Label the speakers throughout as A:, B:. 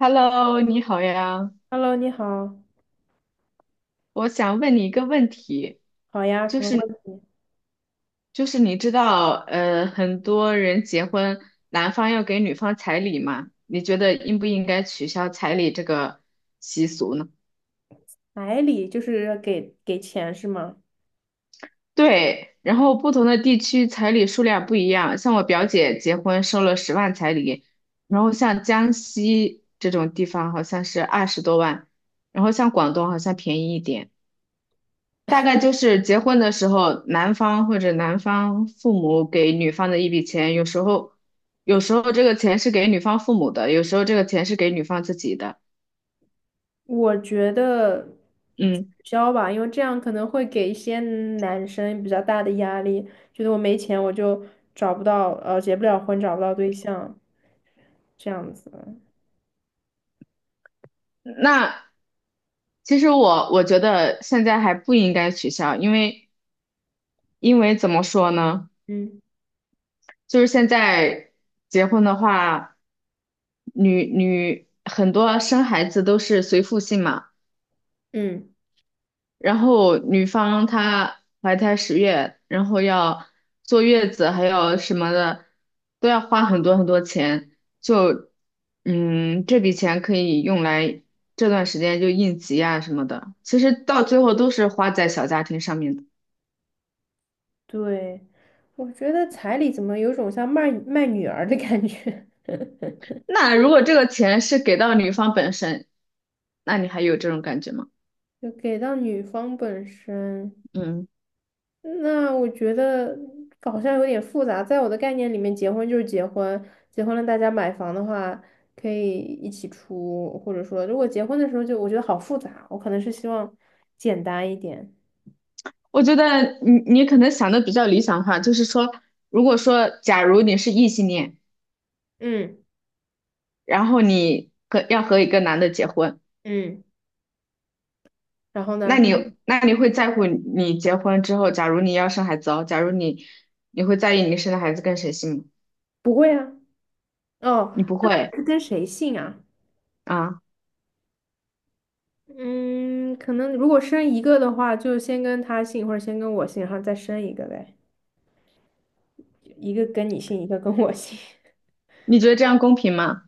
A: Hello，你好呀，
B: Hello，你好，
A: 我想问你一个问题，
B: 好呀，
A: 就
B: 什么
A: 是
B: 问题？
A: 就是你知道，很多人结婚，男方要给女方彩礼嘛？你觉得应不应该取消彩礼这个习俗呢？
B: 彩礼就是给钱是吗？
A: 对，然后不同的地区彩礼数量不一样，像我表姐结婚收了10万彩礼，然后像江西这种地方好像是20多万，然后像广东好像便宜一点。大概就是结婚的时候，男方或者男方父母给女方的一笔钱，有时候，这个钱是给女方父母的，有时候这个钱是给女方自己的。
B: 我觉得取
A: 嗯，
B: 消吧，因为这样可能会给一些男生比较大的压力，觉得我没钱我就找不到，结不了婚，找不到对象，这样子。
A: 那其实我觉得现在还不应该取消，因为怎么说呢，
B: 嗯
A: 就是现在结婚的话，女很多生孩子都是随父姓嘛。
B: 嗯，
A: 然后女方她怀胎十月，然后要坐月子，还有什么的，都要花很多很多钱。就，嗯，这笔钱可以用来这段时间就应急啊什么的。其实到最后都是花在小家庭上面的。
B: 对，我觉得彩礼怎么有种像卖女儿的感觉，
A: 那如果这个钱是给到女方本身，那你还有这种感觉吗？
B: 就给到女方本身。
A: 嗯，
B: 那我觉得好像有点复杂，在我的概念里面，结婚就是结婚，结婚了大家买房的话可以一起出，或者说如果结婚的时候就我觉得好复杂，我可能是希望简单一点。
A: 我觉得你可能想的比较理想化，就是说，如果说假如你是异性恋。
B: 嗯
A: 然后你和要和一个男的结婚，
B: 嗯，然后
A: 那
B: 呢？
A: 你嗯那你会在乎你结婚之后，假如你要生孩子哦，假如你会在意你生的孩子跟谁姓吗？
B: 不会啊，哦，
A: 你不会
B: 是跟谁姓啊？
A: 啊？
B: 嗯，可能如果生一个的话，就先跟他姓，或者先跟我姓，然后再生一个呗，一个跟你姓，一个跟我姓。
A: 你觉得这样公平吗？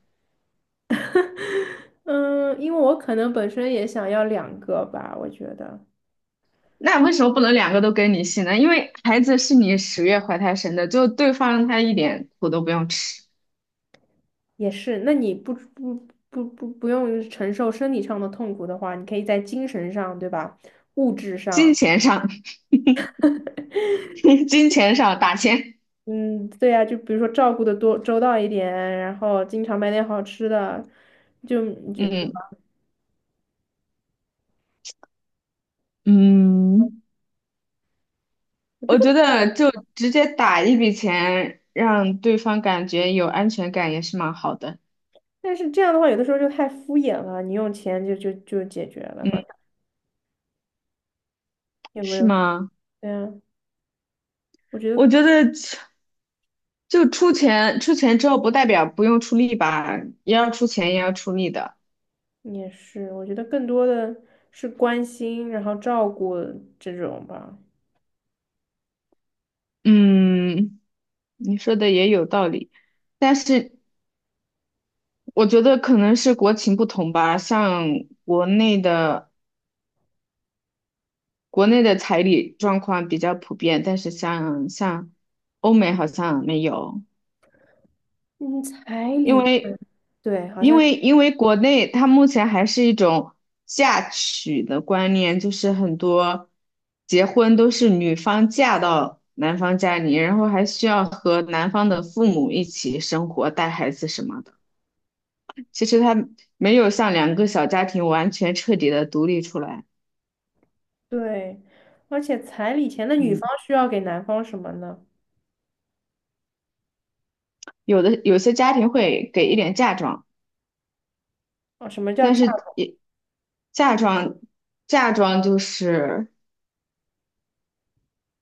B: 嗯，因为我可能本身也想要两个吧，我觉得。
A: 那为什么不能两个都跟你姓呢？因为孩子是你十月怀胎生的，就对方他一点苦都不用吃，
B: 也是，那你不用承受生理上的痛苦的话，你可以在精神上，对吧？物质
A: 金
B: 上，
A: 钱上 金钱上打钱，
B: 嗯，对呀，就比如说照顾的多周到一点，然后经常买点好吃的，就就
A: 嗯嗯，
B: 我觉
A: 我
B: 得，
A: 觉得就直接打一笔钱，让对方感觉有安全感也是蛮好的。
B: 但是这样的话，有的时候就太敷衍了，你用钱就解决了，
A: 嗯，
B: 好像有没
A: 是
B: 有？
A: 吗？
B: 对啊，我觉
A: 我
B: 得
A: 觉得就出钱，出钱之后不代表不用出力吧，也要出钱，也要出力的。
B: 也是，我觉得更多的是关心，然后照顾这种吧，
A: 嗯，你说的也有道理，但是我觉得可能是国情不同吧，像国内的国内的彩礼状况比较普遍，但是像欧美好像没有。
B: 嗯，彩
A: 因
B: 礼。
A: 为
B: 对，好
A: 因
B: 像。
A: 为因为国内它目前还是一种嫁娶的观念，就是很多结婚都是女方嫁到男方家里，然后还需要和男方的父母一起生活、带孩子什么的。其实它没有像两个小家庭完全彻底的独立出来。
B: 对，而且彩礼钱的女
A: 嗯，
B: 方需要给男方什么呢？
A: 有些家庭会给一点嫁妆，
B: 啊，什么叫
A: 但
B: 嫁
A: 是
B: 妆？
A: 也嫁妆嫁妆就是。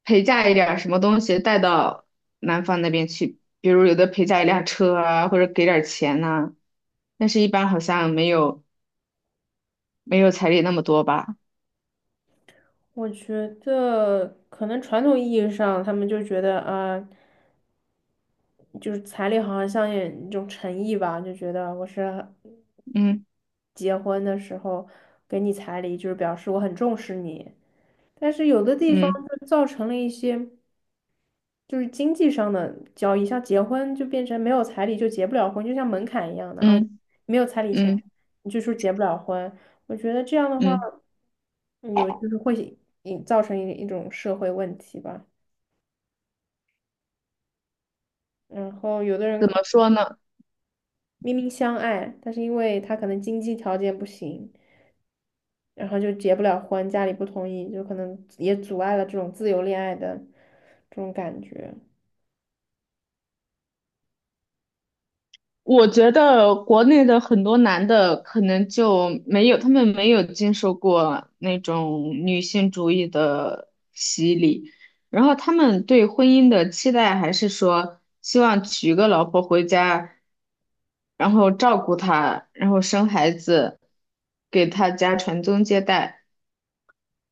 A: 陪嫁一点儿什么东西带到男方那边去，比如有的陪嫁一辆车啊，或者给点儿钱呐、但是一般好像没有彩礼那么多吧？
B: 我觉得可能传统意义上，他们就觉得啊、就是彩礼好像像一种诚意吧，就觉得我是
A: 嗯
B: 结婚的时候给你彩礼，就是表示我很重视你。但是有的地方
A: 嗯
B: 就造成了一些。就是经济上的交易，像结婚就变成没有彩礼就结不了婚，就像门槛一样的啊，
A: 嗯
B: 没有彩礼钱，
A: 嗯
B: 你就说结不了婚。我觉得这样的话，
A: 嗯，
B: 嗯有就是会引造成一种社会问题吧。然后有的人
A: 怎
B: 可
A: 么
B: 能
A: 说呢？
B: 明明相爱，但是因为他可能经济条件不行，然后就结不了婚，家里不同意，就可能也阻碍了这种自由恋爱的这种感觉。
A: 我觉得国内的很多男的可能就没有，他们没有经受过那种女性主义的洗礼，然后他们对婚姻的期待还是说希望娶个老婆回家，然后照顾她，然后生孩子，给她家传宗接代。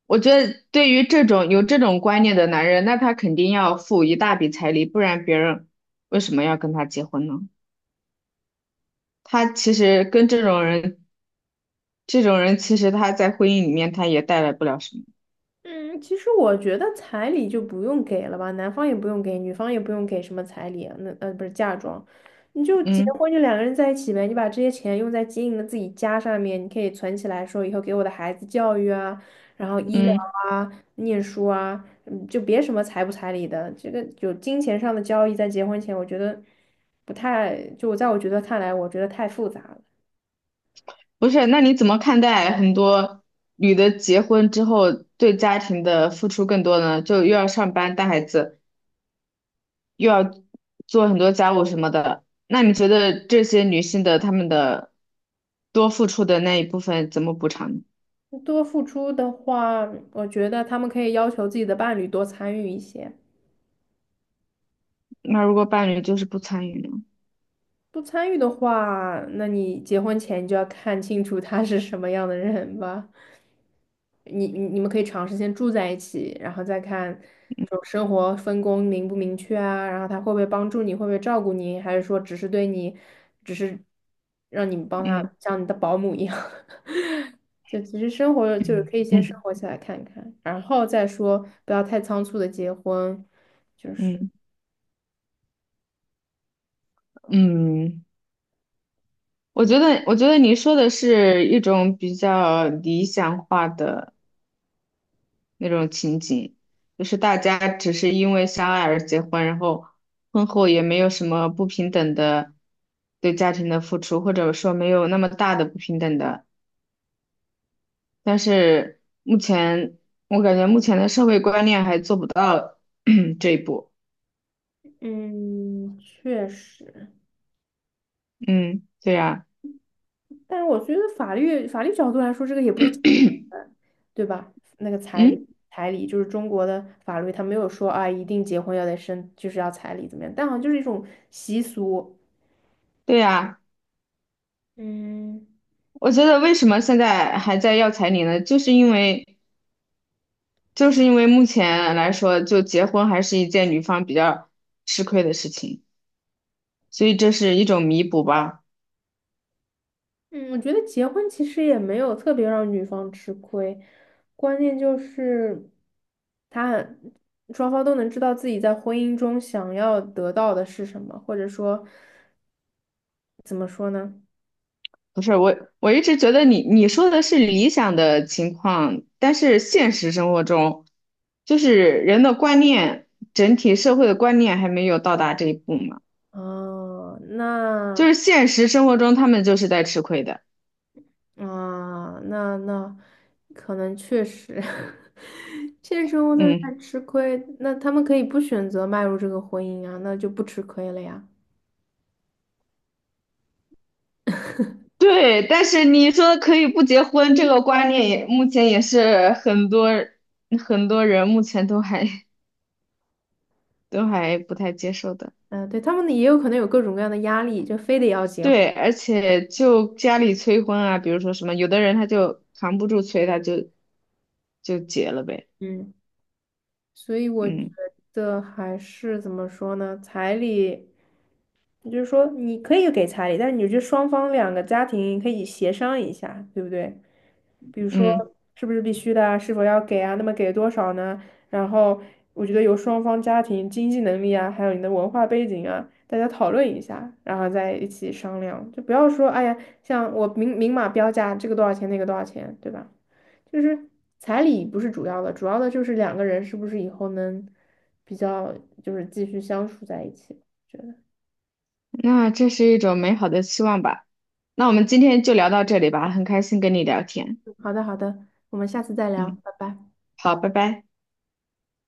A: 我觉得对于这种有这种观念的男人，那他肯定要付一大笔彩礼，不然别人为什么要跟他结婚呢？他其实跟这种人，这种人其实他在婚姻里面他也带来不了什么。
B: 嗯，其实我觉得彩礼就不用给了吧，男方也不用给，女方也不用给什么彩礼啊那不是嫁妆，你就结
A: 嗯
B: 婚就两个人在一起呗，你把这些钱用在经营的自己家上面，你可以存起来说以后给我的孩子教育啊，然后医疗
A: 嗯，
B: 啊、念书啊，嗯，就别什么彩不彩礼的，这个有金钱上的交易在结婚前，我觉得不太，就我在我觉得看来，我觉得太复杂了。
A: 不是，那你怎么看待很多女的结婚之后对家庭的付出更多呢？就又要上班带孩子，又要做很多家务什么的。那你觉得这些女性的她们的多付出的那一部分怎么补偿呢？
B: 多付出的话，我觉得他们可以要求自己的伴侣多参与一些。
A: 那如果伴侣就是不参与呢？
B: 不参与的话，那你结婚前就要看清楚他是什么样的人吧。你们可以尝试先住在一起，然后再看这种生活分工明不明确啊，然后他会不会帮助你，会不会照顾你，还是说只是对你，只是让你们帮他
A: 嗯
B: 像你的保姆一样。就其实生活就是
A: 嗯
B: 可以先生
A: 嗯
B: 活起来看看，然后再说不要太仓促的结婚，就是
A: 嗯。嗯我
B: 嗯
A: 觉得，我觉得你说的是一种比较理想化的那种情景，就是大家只是因为相爱而结婚，然后婚后也没有什么不平等的对家庭的付出，或者说没有那么大的不平等的。但是目前，我感觉目前的社会观念还做不到 这一步。
B: 嗯，确实。
A: 嗯，对呀。
B: 但是我觉得法律角度来说，这个也不是强 制对吧？那个彩礼，
A: 嗯，
B: 彩礼就是中国的法律，它没有说啊，一定结婚要得生，就是要彩礼怎么样？但好像就是一种习俗。
A: 对呀，
B: 嗯
A: 我觉得为什么现在还在要彩礼呢？就是因为目前来说，就结婚还是一件女方比较吃亏的事情，所以这是一种弥补吧。
B: 嗯，我觉得结婚其实也没有特别让女方吃亏，关键就是他双方都能知道自己在婚姻中想要得到的是什么，或者说怎么说呢？
A: 不是，我一直觉得你说的是理想的情况，但是现实生活中，就是人的观念，整体社会的观念还没有到达这一步嘛。
B: 哦，
A: 就
B: 那。
A: 是现实生活中，他们就是在吃亏的。
B: 啊，那可能确实，现实生活中
A: 嗯，
B: 在吃亏。那他们可以不选择迈入这个婚姻啊，那就不吃亏了呀。
A: 对。但是你说可以不结婚，这个观念也目前也是很多人目前都还。都还不太接受的。
B: 嗯、对，他们也有可能有各种各样的压力，就非得要结婚。
A: 对，而且就家里催婚啊，比如说什么，有的人他就扛不住催，他就结了呗。
B: 嗯，所以我觉
A: 嗯
B: 得还是怎么说呢？彩礼，就是说你可以给彩礼，但是你就双方两个家庭可以协商一下，对不对？比如说
A: 嗯，
B: 是不是必须的啊，是否要给啊，那么给多少呢？然后我觉得由双方家庭经济能力啊，还有你的文化背景啊，大家讨论一下，然后再一起商量，就不要说哎呀，像我明明码标价，这个多少钱，那个多少钱，对吧？就是彩礼不是主要的，主要的就是两个人是不是以后能比较就是继续相处在一起，觉得。
A: 那这是一种美好的期望吧。那我们今天就聊到这里吧，很开心跟你聊天。
B: 好的，好的，我们下次再聊，
A: 嗯，
B: 拜拜。
A: 好，拜拜。